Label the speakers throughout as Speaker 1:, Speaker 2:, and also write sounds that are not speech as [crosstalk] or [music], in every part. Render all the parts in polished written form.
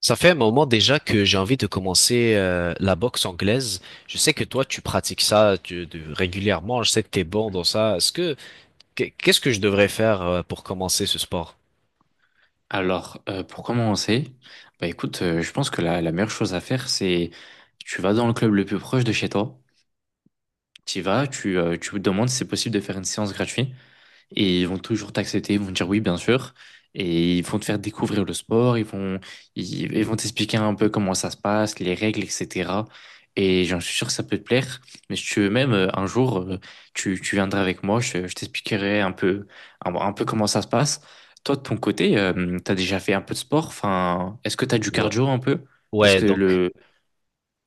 Speaker 1: Ça fait un moment déjà que j'ai envie de commencer la boxe anglaise. Je sais que toi,
Speaker 2: Ok.
Speaker 1: tu pratiques ça régulièrement. Je sais que t'es bon dans ça. Est-ce que qu'est- ce que je devrais faire pour commencer ce sport?
Speaker 2: Alors, pour commencer, bah écoute, je pense que la meilleure chose à faire, c'est tu vas dans le club le plus proche de chez toi, tu y vas, tu demandes si c'est possible de faire une séance gratuite. Et ils vont toujours t'accepter, ils vont te dire oui, bien sûr. Et ils vont te faire découvrir le sport, ils vont, ils vont t'expliquer un peu comment ça se passe, les règles, etc. Et j'en suis sûr que ça peut te plaire. Mais si tu veux même, un jour, tu viendras avec moi, je t'expliquerai un peu, un peu comment ça se passe. Toi, de ton côté, t'as déjà fait un peu de sport? Enfin, est-ce que t'as du
Speaker 1: Ouais.
Speaker 2: cardio un peu? Parce
Speaker 1: Ouais,
Speaker 2: que
Speaker 1: donc.
Speaker 2: le...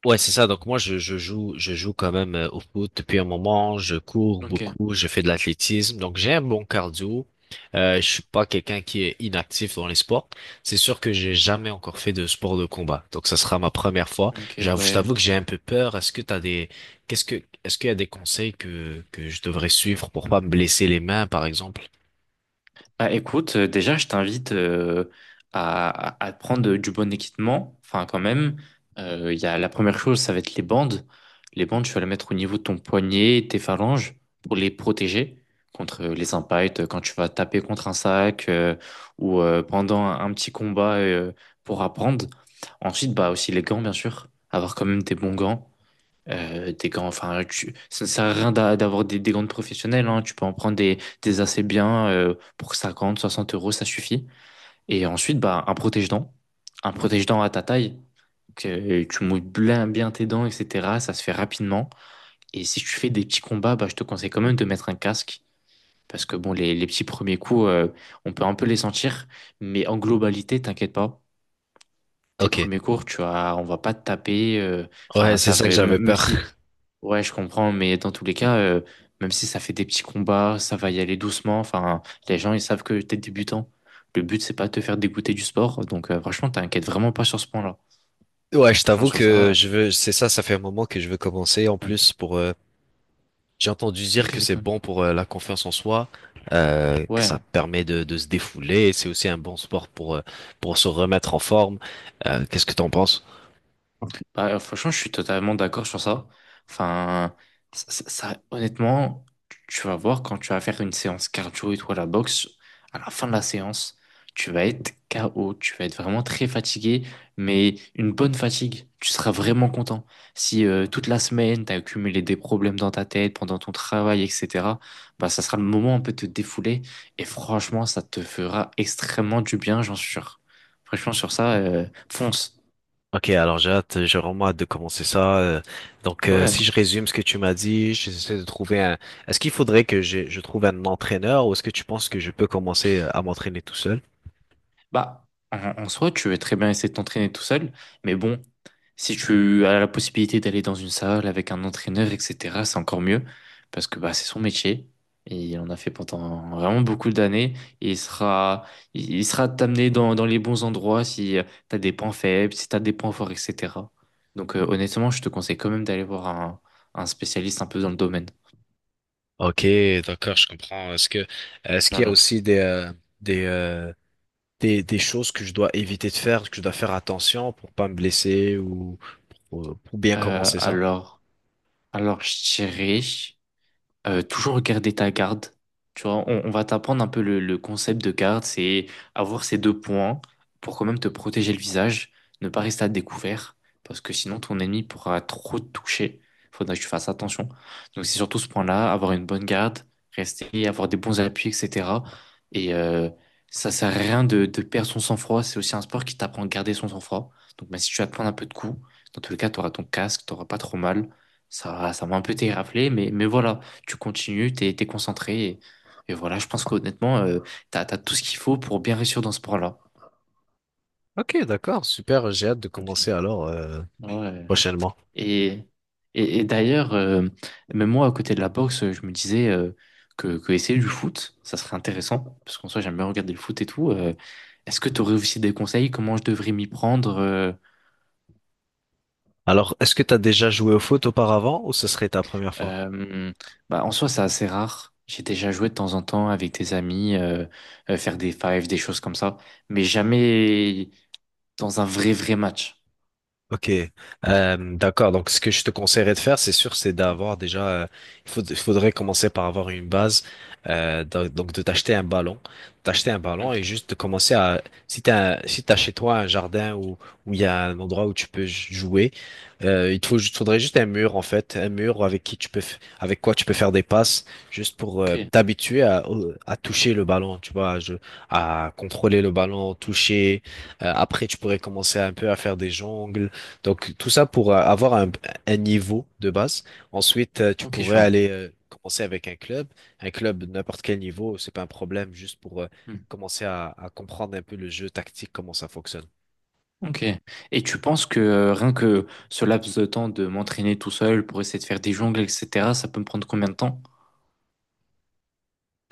Speaker 1: Ouais, c'est ça. Donc moi, je joue quand même au foot depuis un moment. Je cours
Speaker 2: Ok,
Speaker 1: beaucoup, je fais de l'athlétisme, donc j'ai un bon cardio. Je suis pas quelqu'un qui est inactif dans les sports. C'est sûr que j'ai jamais encore fait de sport de combat, donc ça sera ma première fois.
Speaker 2: ok,
Speaker 1: J'avoue, je
Speaker 2: ouais.
Speaker 1: t'avoue que j'ai un peu peur. Est-ce qu'il y a des conseils que je devrais suivre pour pas me blesser les mains, par exemple?
Speaker 2: Bah, écoute, déjà, je t'invite à, à prendre du bon équipement. Enfin, quand même, il y a, la première chose, ça va être les bandes. Les bandes, tu vas les mettre au niveau de ton poignet, tes phalanges, pour les protéger contre les impacts, quand tu vas taper contre un sac ou pendant un petit combat pour apprendre. Ensuite, bah, aussi les gants, bien sûr. Avoir quand même des bons gants des grands, enfin, ça ne sert à rien d'avoir des gants professionnels, hein. Tu peux en prendre des assez bien pour 50, 60 euros, ça suffit. Et ensuite, bah, un protège-dents à ta taille, que tu mouilles bien, bien tes dents, etc. Ça se fait rapidement. Et si tu fais des petits combats, bah, je te conseille quand même de mettre un casque. Parce que bon, les petits premiers coups, on peut un peu les sentir, mais en globalité, t'inquiète pas tes
Speaker 1: Ok.
Speaker 2: premiers cours, tu vois, on va pas te taper.
Speaker 1: Ouais,
Speaker 2: Enfin,
Speaker 1: c'est
Speaker 2: ça
Speaker 1: ça que
Speaker 2: fait, même
Speaker 1: j'avais
Speaker 2: même
Speaker 1: peur.
Speaker 2: si,
Speaker 1: [laughs]
Speaker 2: ouais, je comprends, mais dans tous les cas, même si ça fait des petits combats, ça va y aller doucement. Enfin, les gens, ils savent que t'es débutant. Le but, c'est pas de te faire dégoûter du sport. Donc, franchement, t'inquiète vraiment pas sur ce point-là.
Speaker 1: Ouais, je t'avoue
Speaker 2: Franchement, sur
Speaker 1: que
Speaker 2: ça.
Speaker 1: je veux, c'est ça, ça fait un moment que je veux commencer en
Speaker 2: Hmm.
Speaker 1: plus pour. J'ai entendu dire
Speaker 2: Ok,
Speaker 1: que
Speaker 2: c'est
Speaker 1: c'est
Speaker 2: cool.
Speaker 1: bon pour la confiance en soi, que ça
Speaker 2: Ouais.
Speaker 1: permet de se défouler. C'est aussi un bon sport pour se remettre en forme. Qu'est-ce que t'en penses?
Speaker 2: Bah, franchement, je suis totalement d'accord sur ça. Enfin, ça, honnêtement, tu vas voir quand tu vas faire une séance cardio et toi la boxe, à la fin de la séance, tu vas être KO, tu vas être vraiment très fatigué, mais une bonne fatigue, tu seras vraiment content. Si toute la semaine, tu as accumulé des problèmes dans ta tête pendant ton travail, etc., bah, ça sera le moment un peu de te défouler et franchement, ça te fera extrêmement du bien, j'en suis sûr. Franchement, sur ça, fonce.
Speaker 1: Ok, alors j'ai hâte, j'ai vraiment hâte de commencer ça. Donc,
Speaker 2: Ouais.
Speaker 1: si je résume ce que tu m'as dit, j'essaie de trouver un. Est-ce qu'il faudrait que je trouve un entraîneur ou est-ce que tu penses que je peux commencer à m'entraîner tout seul?
Speaker 2: Bah, en soi, tu veux très bien essayer de t'entraîner tout seul, mais bon, si tu as la possibilité d'aller dans une salle avec un entraîneur, etc., c'est encore mieux, parce que bah, c'est son métier, et il en a fait pendant vraiment beaucoup d'années, et il sera, il sera t'amener dans, dans les bons endroits si tu as des points faibles, si tu as des points forts, etc. Donc honnêtement, je te conseille quand même d'aller voir un spécialiste un peu dans le domaine.
Speaker 1: Ok, d'accord, je comprends. Est-ce qu'il y a
Speaker 2: Voilà.
Speaker 1: aussi des euh, des choses que je dois éviter de faire, que je dois faire attention pour pas me blesser ou pour bien
Speaker 2: Euh,
Speaker 1: commencer ça?
Speaker 2: alors, alors, je dirais. Toujours regarder ta garde. Tu vois, on va t'apprendre un peu le concept de garde, c'est avoir ces deux points pour quand même te protéger le visage, ne pas rester à découvert, parce que sinon ton ennemi pourra trop te toucher. Faudra que tu fasses attention. Donc c'est surtout ce point-là, avoir une bonne garde, rester, avoir des bons appuis, etc. Et ça sert à rien de, de perdre son sang-froid. C'est aussi un sport qui t'apprend à garder son sang-froid. Donc même si tu vas te prendre un peu de coups, dans tous les cas, tu auras ton casque, t'auras pas trop mal. Ça m'a un peu déraflé, mais voilà tu continues, t'es concentré. Et voilà, je pense qu'honnêtement, t'as tout ce qu'il faut pour bien réussir dans ce sport-là.
Speaker 1: Ok, d'accord, super, j'ai hâte de
Speaker 2: Ok.
Speaker 1: commencer alors
Speaker 2: Ouais.
Speaker 1: prochainement.
Speaker 2: Et, et d'ailleurs, même moi, à côté de la boxe, je me disais que essayer du foot, ça serait intéressant, parce qu'en soi, j'aime bien regarder le foot et tout. Est-ce que tu aurais aussi des conseils? Comment je devrais m'y prendre?
Speaker 1: Alors, est-ce que tu as déjà joué au foot auparavant ou ce serait ta première fois?
Speaker 2: Euh, bah, en soi, c'est assez rare. J'ai déjà joué de temps en temps avec des amis, faire des fives, des choses comme ça, mais jamais. Dans un vrai, vrai match.
Speaker 1: Ok, d'accord. Donc, ce que je te conseillerais de faire, c'est sûr, c'est d'avoir déjà. Il faudrait commencer par avoir une base. Donc, de t'acheter un ballon et
Speaker 2: Ok,
Speaker 1: juste de commencer à. Si si t'as chez toi un jardin où il y a un endroit où tu peux jouer, il te faut, faudrait juste un mur en fait, un mur avec qui tu peux, avec quoi tu peux faire des passes, juste pour
Speaker 2: ok,
Speaker 1: t'habituer à toucher le ballon, tu vois, à contrôler le ballon, toucher. Après, tu pourrais commencer un peu à faire des jongles donc, tout ça pour avoir un niveau de base. Ensuite, tu
Speaker 2: ok, je
Speaker 1: pourrais
Speaker 2: vois.
Speaker 1: aller commencer avec un club. Un club, de n'importe quel niveau, c'est pas un problème, juste pour
Speaker 2: Hmm.
Speaker 1: commencer à comprendre un peu le jeu tactique, comment ça fonctionne.
Speaker 2: Ok. Et tu penses que rien que ce laps de temps de m'entraîner tout seul pour essayer de faire des jongles, etc., ça peut me prendre combien de temps?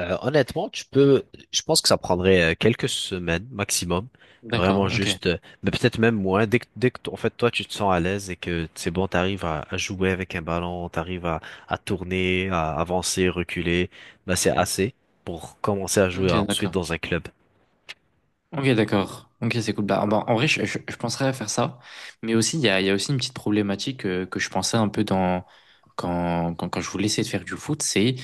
Speaker 1: Honnêtement, je pense que ça prendrait quelques semaines maximum,
Speaker 2: D'accord,
Speaker 1: vraiment
Speaker 2: ok.
Speaker 1: juste, mais peut-être même moins. En fait, toi, tu te sens à l'aise et que c'est bon, t'arrives à jouer avec un ballon, à tourner, à avancer, reculer, bah c'est assez pour commencer à jouer
Speaker 2: Ok,
Speaker 1: euh, ensuite
Speaker 2: d'accord.
Speaker 1: dans un club.
Speaker 2: Ok, d'accord. Ok, c'est cool. Bah, bah, en vrai, je penserais à faire ça. Mais aussi, il y a aussi une petite problématique que je pensais un peu dans quand je voulais essayer de faire du foot, c'est,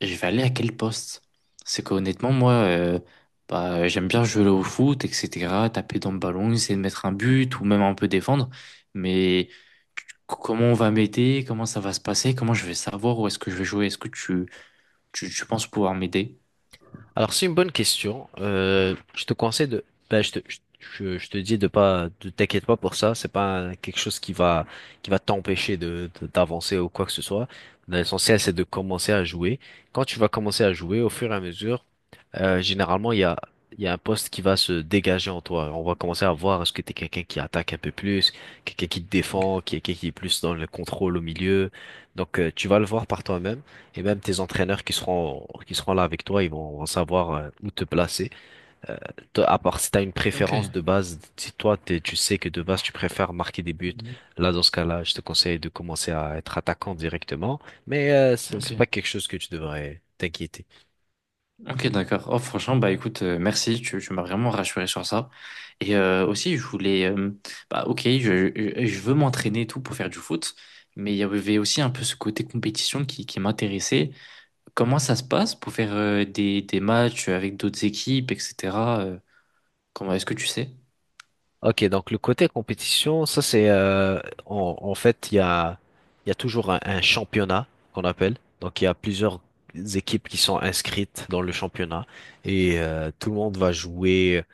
Speaker 2: je vais aller à quel poste? C'est qu'honnêtement, moi, bah, j'aime bien jouer au foot, etc., taper dans le ballon, essayer de mettre un but ou même un peu défendre. Mais comment on va m'aider? Comment ça va se passer? Comment je vais savoir où est-ce que je vais jouer? Est-ce que tu penses pouvoir m'aider?
Speaker 1: Alors c'est une bonne question. Je te conseille de, ben, je te dis de pas, de t'inquiète pas pour ça. C'est pas quelque chose qui va t'empêcher d'avancer ou quoi que ce soit. L'essentiel c'est de commencer à jouer. Quand tu vas commencer à jouer, au fur et à mesure, généralement, il y a un poste qui va se dégager en toi. On va commencer à voir est-ce que t'es quelqu'un qui attaque un peu plus, quelqu'un qui te défend, quelqu'un qui est plus dans le contrôle au milieu. Donc, tu vas le voir par toi-même et même tes entraîneurs qui seront là avec toi, vont savoir où te placer. Toi, à part si t'as une
Speaker 2: Ok,
Speaker 1: préférence de base, si toi, tu sais que de base, tu préfères marquer des buts,
Speaker 2: Mhm.
Speaker 1: là, dans ce cas-là, je te conseille de commencer à être attaquant directement. Mais
Speaker 2: Ok.
Speaker 1: c'est pas quelque chose que tu devrais t'inquiéter.
Speaker 2: Ok, d'accord. Oh, franchement, bah écoute, merci, tu m'as vraiment rassuré sur ça. Et aussi, je voulais, bah ok, je veux m'entraîner et tout pour faire du foot, mais il y avait aussi un peu ce côté compétition qui m'intéressait. Comment ça se passe pour faire des matchs avec d'autres équipes, etc. euh, Comment est-ce que tu sais?
Speaker 1: Ok, donc le côté compétition, ça c'est en fait il y a toujours un championnat qu'on appelle. Donc il y a plusieurs équipes qui sont inscrites dans le championnat et tout le monde va jouer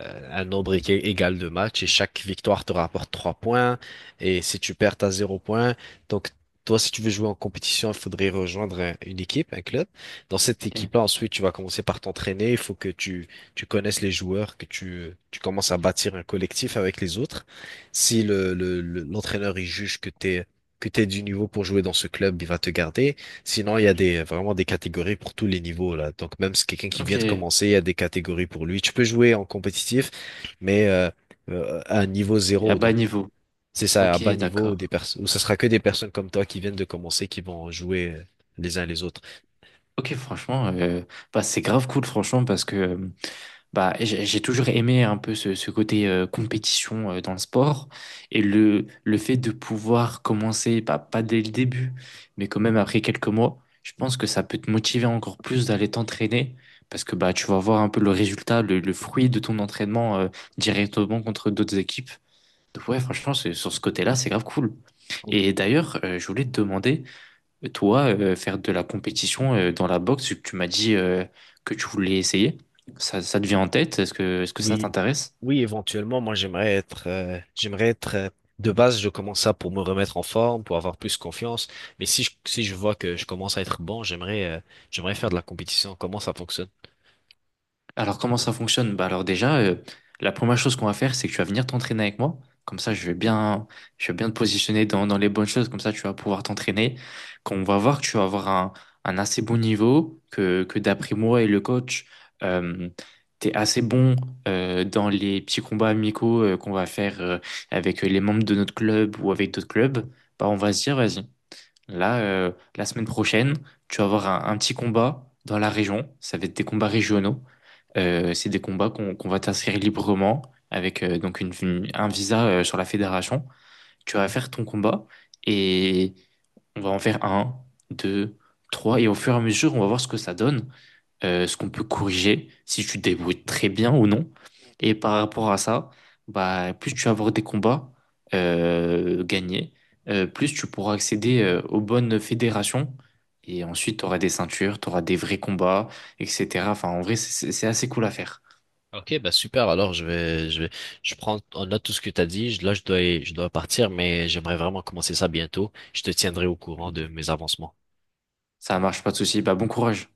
Speaker 1: un nombre égal de matchs et chaque victoire te rapporte 3 points et si tu perds t'as 0 point. Donc toi si tu veux jouer en compétition, il faudrait rejoindre une équipe, un club. Dans cette
Speaker 2: Eh,
Speaker 1: équipe-là, ensuite tu vas commencer par t'entraîner. Il faut que tu connaisses les joueurs, que tu commences à bâtir un collectif avec les autres. Si l'entraîneur il juge que t'es du niveau pour jouer dans ce club, il va te garder. Sinon, il y a des vraiment des catégories pour tous les niveaux là. Donc même si quelqu'un qui
Speaker 2: ok,
Speaker 1: vient de
Speaker 2: mais
Speaker 1: commencer, il y a des catégories pour lui. Tu peux jouer en compétitif, mais à un niveau
Speaker 2: à
Speaker 1: zéro.
Speaker 2: bas
Speaker 1: Donc
Speaker 2: niveau.
Speaker 1: c'est ça, à
Speaker 2: Ok,
Speaker 1: bas niveau où
Speaker 2: d'accord.
Speaker 1: des personnes où ce sera que des personnes comme toi qui viennent de commencer qui vont jouer les uns les autres.
Speaker 2: Ok, franchement, bah, c'est grave cool, franchement, parce que bah, j'ai toujours aimé un peu ce, ce côté compétition dans le sport et le fait de pouvoir commencer, bah, pas dès le début, mais quand même après quelques mois, je pense que ça peut te motiver encore plus d'aller t'entraîner parce que bah, tu vas voir un peu le résultat, le fruit de ton entraînement directement contre d'autres équipes. Donc, ouais, franchement, sur ce côté-là, c'est grave cool. Et d'ailleurs, je voulais te demander. Toi, faire de la compétition dans la boxe, tu m'as dit que tu voulais essayer. Ça te vient en tête? Est-ce que ça
Speaker 1: Oui,
Speaker 2: t'intéresse?
Speaker 1: oui, éventuellement, moi j'aimerais être de base, je commence ça pour me remettre en forme, pour avoir plus confiance. Mais si je vois que je commence à être bon, j'aimerais faire de la compétition. Comment ça fonctionne?
Speaker 2: Alors, comment ça fonctionne? Bah alors déjà, la première chose qu'on va faire, c'est que tu vas venir t'entraîner avec moi. Comme ça, je vais bien te positionner dans, dans les bonnes choses. Comme ça, tu vas pouvoir t'entraîner. Quand on va voir que tu vas avoir un assez bon niveau, que d'après moi et le coach, euh, tu es assez bon dans les petits combats amicaux qu'on va faire avec les membres de notre club ou avec d'autres clubs, bah on va se dire, vas-y. Là, la semaine prochaine, tu vas avoir un petit combat dans la région. Ça va être des combats régionaux. C'est des combats qu'on va t'inscrire librement avec donc une, un visa sur la fédération. Tu vas faire ton combat et on va en faire un, deux, trois. Et au fur et à mesure, on va voir ce que ça donne ce qu'on peut corriger, si tu te débrouilles très bien ou non. Et par rapport à ça, bah, plus tu vas avoir des combats gagnés, plus tu pourras accéder aux bonnes fédérations. Et ensuite, tu auras des ceintures, tu auras des vrais combats, etc. Enfin, en vrai, c'est assez cool à faire.
Speaker 1: Ok, bah super. Alors je prends en note tout ce que t'as dit. Là, je dois partir, mais j'aimerais vraiment commencer ça bientôt. Je te tiendrai au courant
Speaker 2: Ok.
Speaker 1: de mes avancements.
Speaker 2: Ça marche, pas de souci. Bah, bon courage.